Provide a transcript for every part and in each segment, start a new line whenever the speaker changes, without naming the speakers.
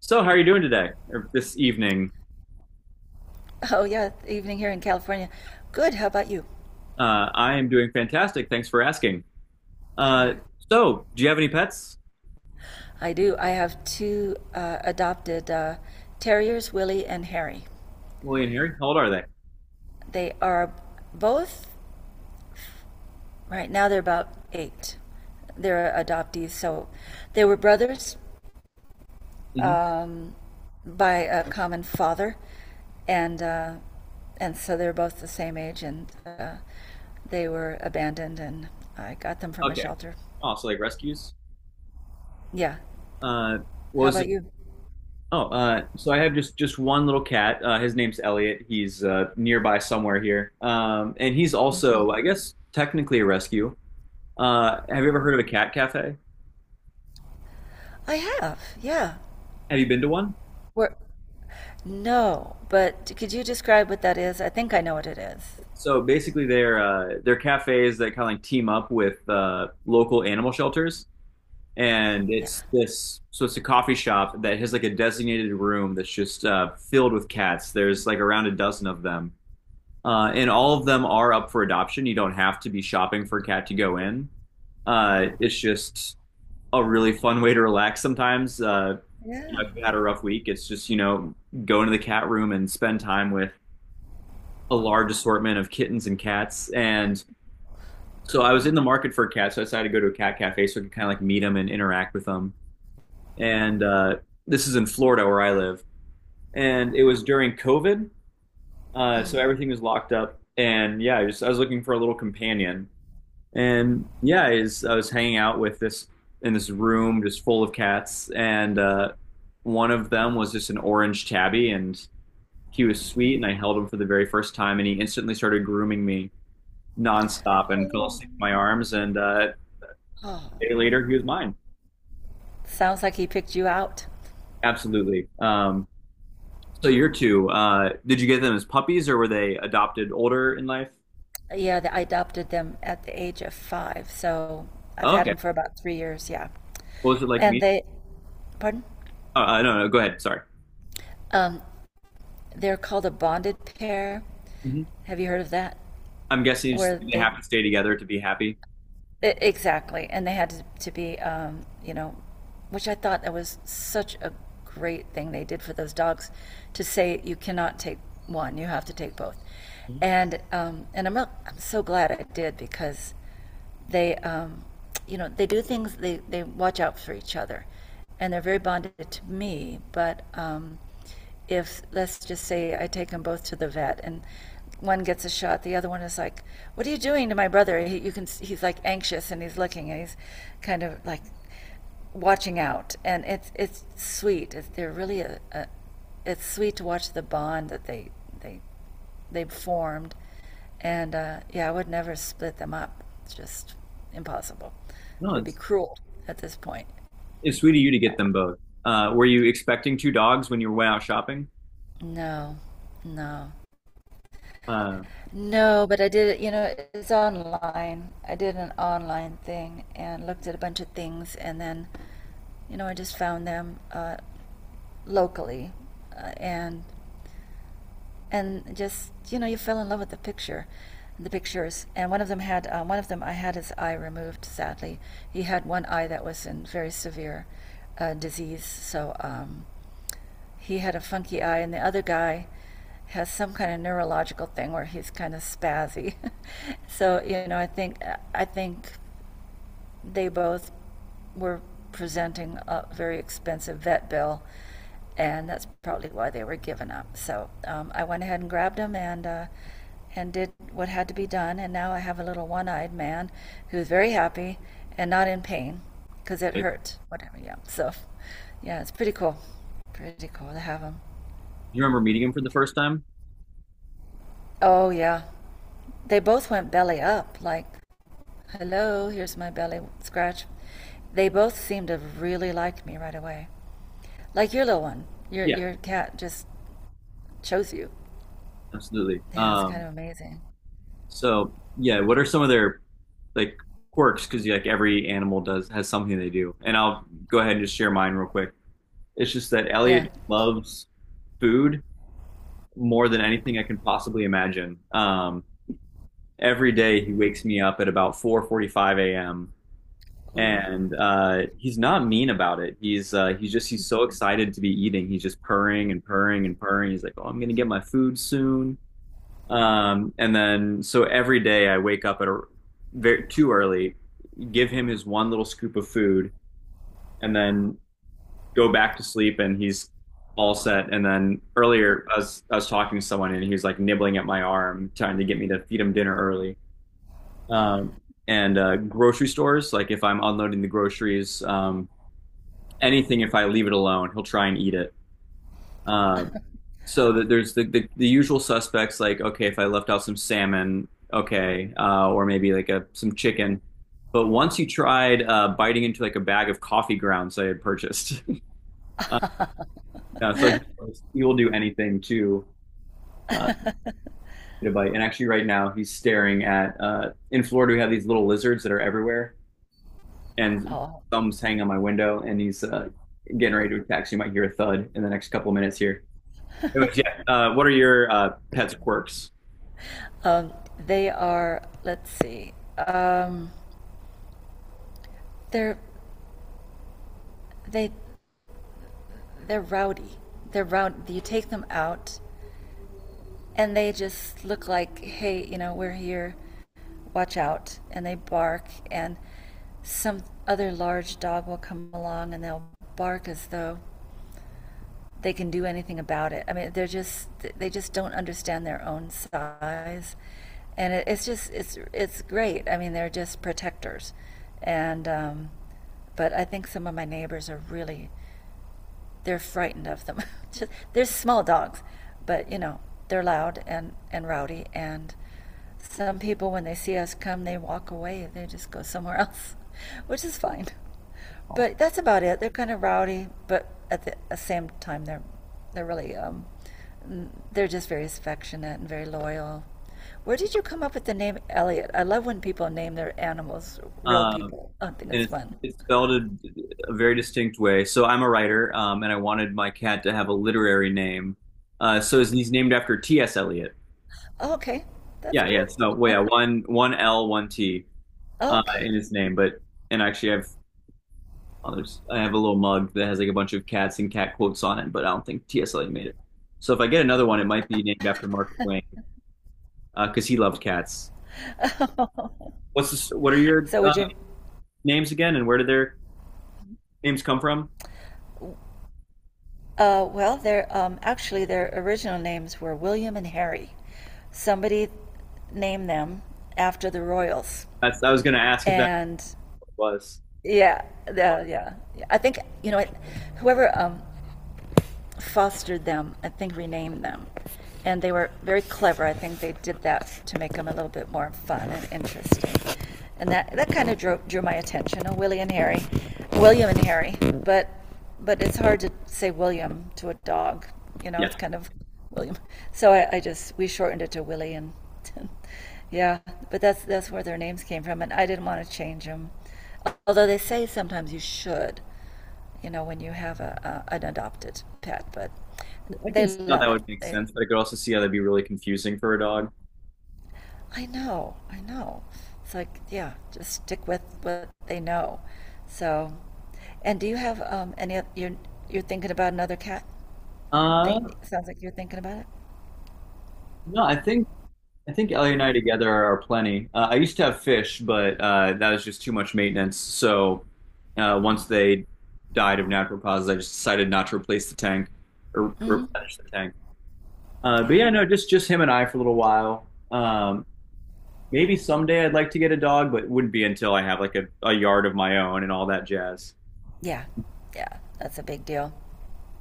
So, how are you doing today or this evening?
Oh, yeah, evening here in California. Good. How about you?
I am doing fantastic. Thanks for asking. Uh,
Sure.
do you have any pets?
I do. I have two adopted terriers, Willie and Harry.
Willie and Harry? How old are they?
They are both, right now, they're about 8. They're adoptees. So they were brothers
hmm
by a common father. And, uh, and so they're both the same age. And They were abandoned, and I got them from a
Okay.
shelter.
Oh, so like rescues.
Yeah.
Uh, what
How
was
about
it?
you?
Oh, so I have just one little cat. His name's Elliot. He's nearby somewhere here, and he's also, I guess, technically a rescue. Have you ever heard of a cat cafe?
I have. Yeah.
Have you been to one?
Where, No, but could you describe what that is? I think I know what it is.
So basically, they're cafes that kind of like team up with local animal shelters. And
Yeah.
it's this so it's a coffee shop that has like a designated room that's just filled with cats. There's like around a dozen of them. Uh, and all of them are up for adoption. You don't have to be shopping for a cat to go in. Uh, it's just a really fun way to relax sometimes.
Yeah.
If you've had a rough week, it's just, go into the cat room and spend time with a large assortment of kittens and cats. And so I was in the market for a cat, so I decided to go to a cat cafe so I could kind of like meet them and interact with them. And this is in Florida where I live. And it was during COVID, so everything was locked up. And yeah, I was looking for a little companion, and yeah, I was hanging out with this, in this room just full of cats, and one of them was just an orange tabby, and he was sweet, and I held him for the very first time, and he instantly started grooming me nonstop and fell
Oh.
asleep in my arms, and
Oh.
a day later he was mine.
Sounds like he picked you out.
Absolutely. So your two, did you get them as puppies or were they adopted older in life?
Yeah, I adopted them at the age of 5, so I've
Oh,
had
okay.
them for about 3 years. Yeah,
What was it like
and
me?
they, pardon,
Oh, no, no, go ahead. Sorry.
um, they're called a bonded pair.
hmm
Have you heard of that?
I'm guessing it's-
Where
they
they
have to stay together to be happy.
Exactly, and they had to be, which I thought that was such a great thing they did for those dogs, to say you cannot take one, you have to take both,
Mhm.
and I'm so glad I did because they, um, they do things they watch out for each other, and they're very bonded to me, but if let's just say I take them both to the vet and one gets a shot, the other one is like, "What are you doing to my brother?" He, you can he's like anxious, and he's looking, and he's kind of like watching out, and it's sweet. It's, they're really a, It's sweet to watch the bond that they they formed. And Yeah, I would never split them up. It's just impossible. It
No,
would be cruel at this point.
it's sweet of you to get them both. Were you expecting two dogs when you went out shopping?
No, no.
Uh,
No, but I did it. It's online. I did an online thing and looked at a bunch of things, and then, I just found them locally. Uh, and and just you fell in love with the pictures. And one of them, I had his eye removed, sadly. He had one eye that was in very severe disease. So he had a funky eye, and the other guy has some kind of neurological thing where he's kind of spazzy. so you know i think I think they both were presenting a very expensive vet bill, and that's probably why they were given up. So I went ahead and grabbed them, and did what had to be done. And now I have a little one-eyed man who's very happy and not in pain because it
do
hurt. Whatever, yeah. So yeah, it's pretty cool. Pretty cool to have them.
you remember meeting them for the first time?
Oh yeah, they both went belly up. Like, hello, here's my belly scratch. They both seemed to really like me right away. Like your little one. Your
Yeah,
your cat just chose you.
absolutely.
Yeah, it's kind of amazing.
So yeah, what are some of their, like, quirks? Because like every animal does has something they do, and I'll go ahead and just share mine real quick. It's just that
Yeah.
Elliot loves food more than anything I can possibly imagine. Every day he wakes me up at about 4:45 a.m.
Ooh.
And he's not mean about it. He's just he's so excited to be eating. He's just purring and purring and purring. He's like, "Oh, I'm gonna get my food soon." And then so every day I wake up at a very too early, give him his one little scoop of food, and then go back to sleep and he's all set. And then earlier, I was talking to someone and he was like nibbling at my arm, trying to get me to feed him dinner early. Um, and Grocery stores, like if I'm unloading the groceries, anything, if I leave it alone, he'll try and eat it. Uh, so that there's the usual suspects like, okay, if I left out some salmon, okay, or maybe like a some chicken. But once he tried biting into like a bag of coffee grounds I had purchased. uh, Yeah, so he will do anything to uh, get a bite. And actually, right now, he's staring at. In Florida, we have these little lizards that are everywhere,
Oh,
and
wow.
thumbs hang on my window, and he's getting ready to attack. So you might hear a thud in the next couple of minutes here. Anyways, yeah. What are your pet's quirks?
Um, they are. Let's see. They're they they're rowdy. They're rowdy. You take them out, and they just look like, hey, we're here. Watch out. And they bark, and some other large dog will come along, and they'll bark as though they can do anything about it. I mean, they just don't understand their own size, and it's great. I mean, they're just protectors, and but I think some of my neighbors are really they're frightened of them. Just, they're small dogs, but they're loud and rowdy, and some people, when they see us come, they walk away. They just go somewhere else, which is fine. But that's about it. They're kind of rowdy, but at the same time, they're really um, they're just very affectionate and very loyal. Where did you come up with the name Elliot? I love when people name their animals real
Um,
people. I think
and
it's
it's,
fun.
it's spelled a very distinct way. So I'm a writer, and I wanted my cat to have a literary name. So he's named after T.S. Eliot.
Oh, okay, that's
Yeah, yeah.
cool.
So well, yeah, one one L, one T.
Okay.
In his name, but and actually I've others. I have a little mug that has like a bunch of cats and cat quotes on it, but I don't think TSLA made it. So if I get another one, it might be named after Mark Twain because he loved cats. What are your
So would you
names again, and where did their names come from?
Well, their actually their original names were William and Harry. Somebody named them after the royals,
That's, I was going to ask if that
and
was.
yeah, yeah. I think whoever fostered them, I think renamed them. And they were very clever. I think they did that to make them a little bit more fun and interesting. And that kind of drew my attention. Oh, Willie and Harry, William and Harry. But but it's hard to say William to a dog.
Yeah,
It's kind of William. So I just we shortened it to Willie, and and yeah. But that's where their names came from, and I didn't want to change them. Although they say sometimes you should, when you have a an adopted pet, but
I can
they
see how
love
that
it.
would make sense, but I could also see how that'd be really confusing for a dog.
I know, I know. It's like, yeah, just stick with what they know. So, and do you have any? You're thinking about another cat? Think
Uh,
sounds like you're thinking about it.
no, I think Ellie and I together are plenty. I used to have fish, but that was just too much maintenance. So once they died of natural causes, I just decided not to replace the tank, or to
Hmm.
replenish the tank. But
Yeah,
yeah, no, just him and I for a little while. Maybe someday I'd like to get a dog, but it wouldn't be until I have like a yard of my own and all that jazz.
yeah, yeah. That's a big deal.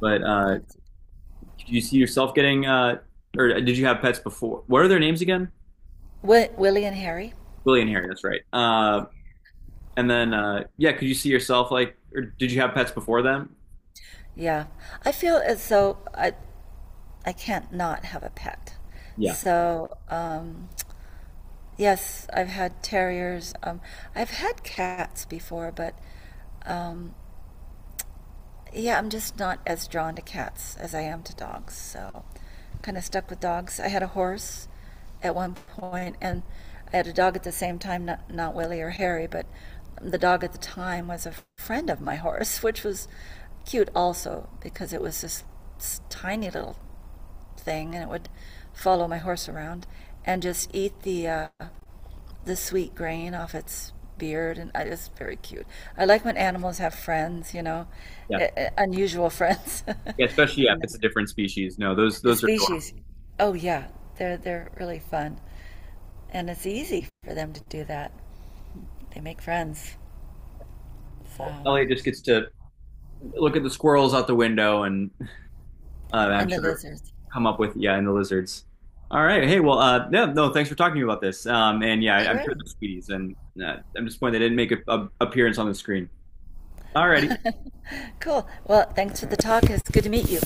But
That's
could you see yourself getting, or did you have pets before? What are their names again?
Willie and Harry.
Willie and Harry, that's right. And then, yeah, could you see yourself like, or did you have pets before them?
Yeah, I feel as though I can't not have a pet.
Yeah,
So, yes, I've had terriers. I've had cats before, but um, yeah, I'm just not as drawn to cats as I am to dogs. So, kind of stuck with dogs. I had a horse at one point, and I had a dog at the same time. Not Willie or Harry, but the dog at the time was a friend of my horse, which was cute also because it was this tiny little thing, and it would follow my horse around and just eat the sweet grain off its beard, and it's very cute. I like when animals have friends,
yeah,
unusual friends.
yeah. Especially yeah, if it's a different species. No, those
The
those are adorable.
species. Oh yeah, they're really fun, and it's easy for them to do that. They make friends. So,
Elliot just gets to look at the squirrels out the window, and I'm
and the
sure
lizards.
come up with, yeah, and the lizards. All right. Hey, well, yeah, no, thanks for talking to me about this. And yeah, I- am
Sure.
sure they're sweeties, and I'm disappointed they didn't make a appearance on the screen. All righty.
Cool. Well, thanks for the talk. It's good to meet you.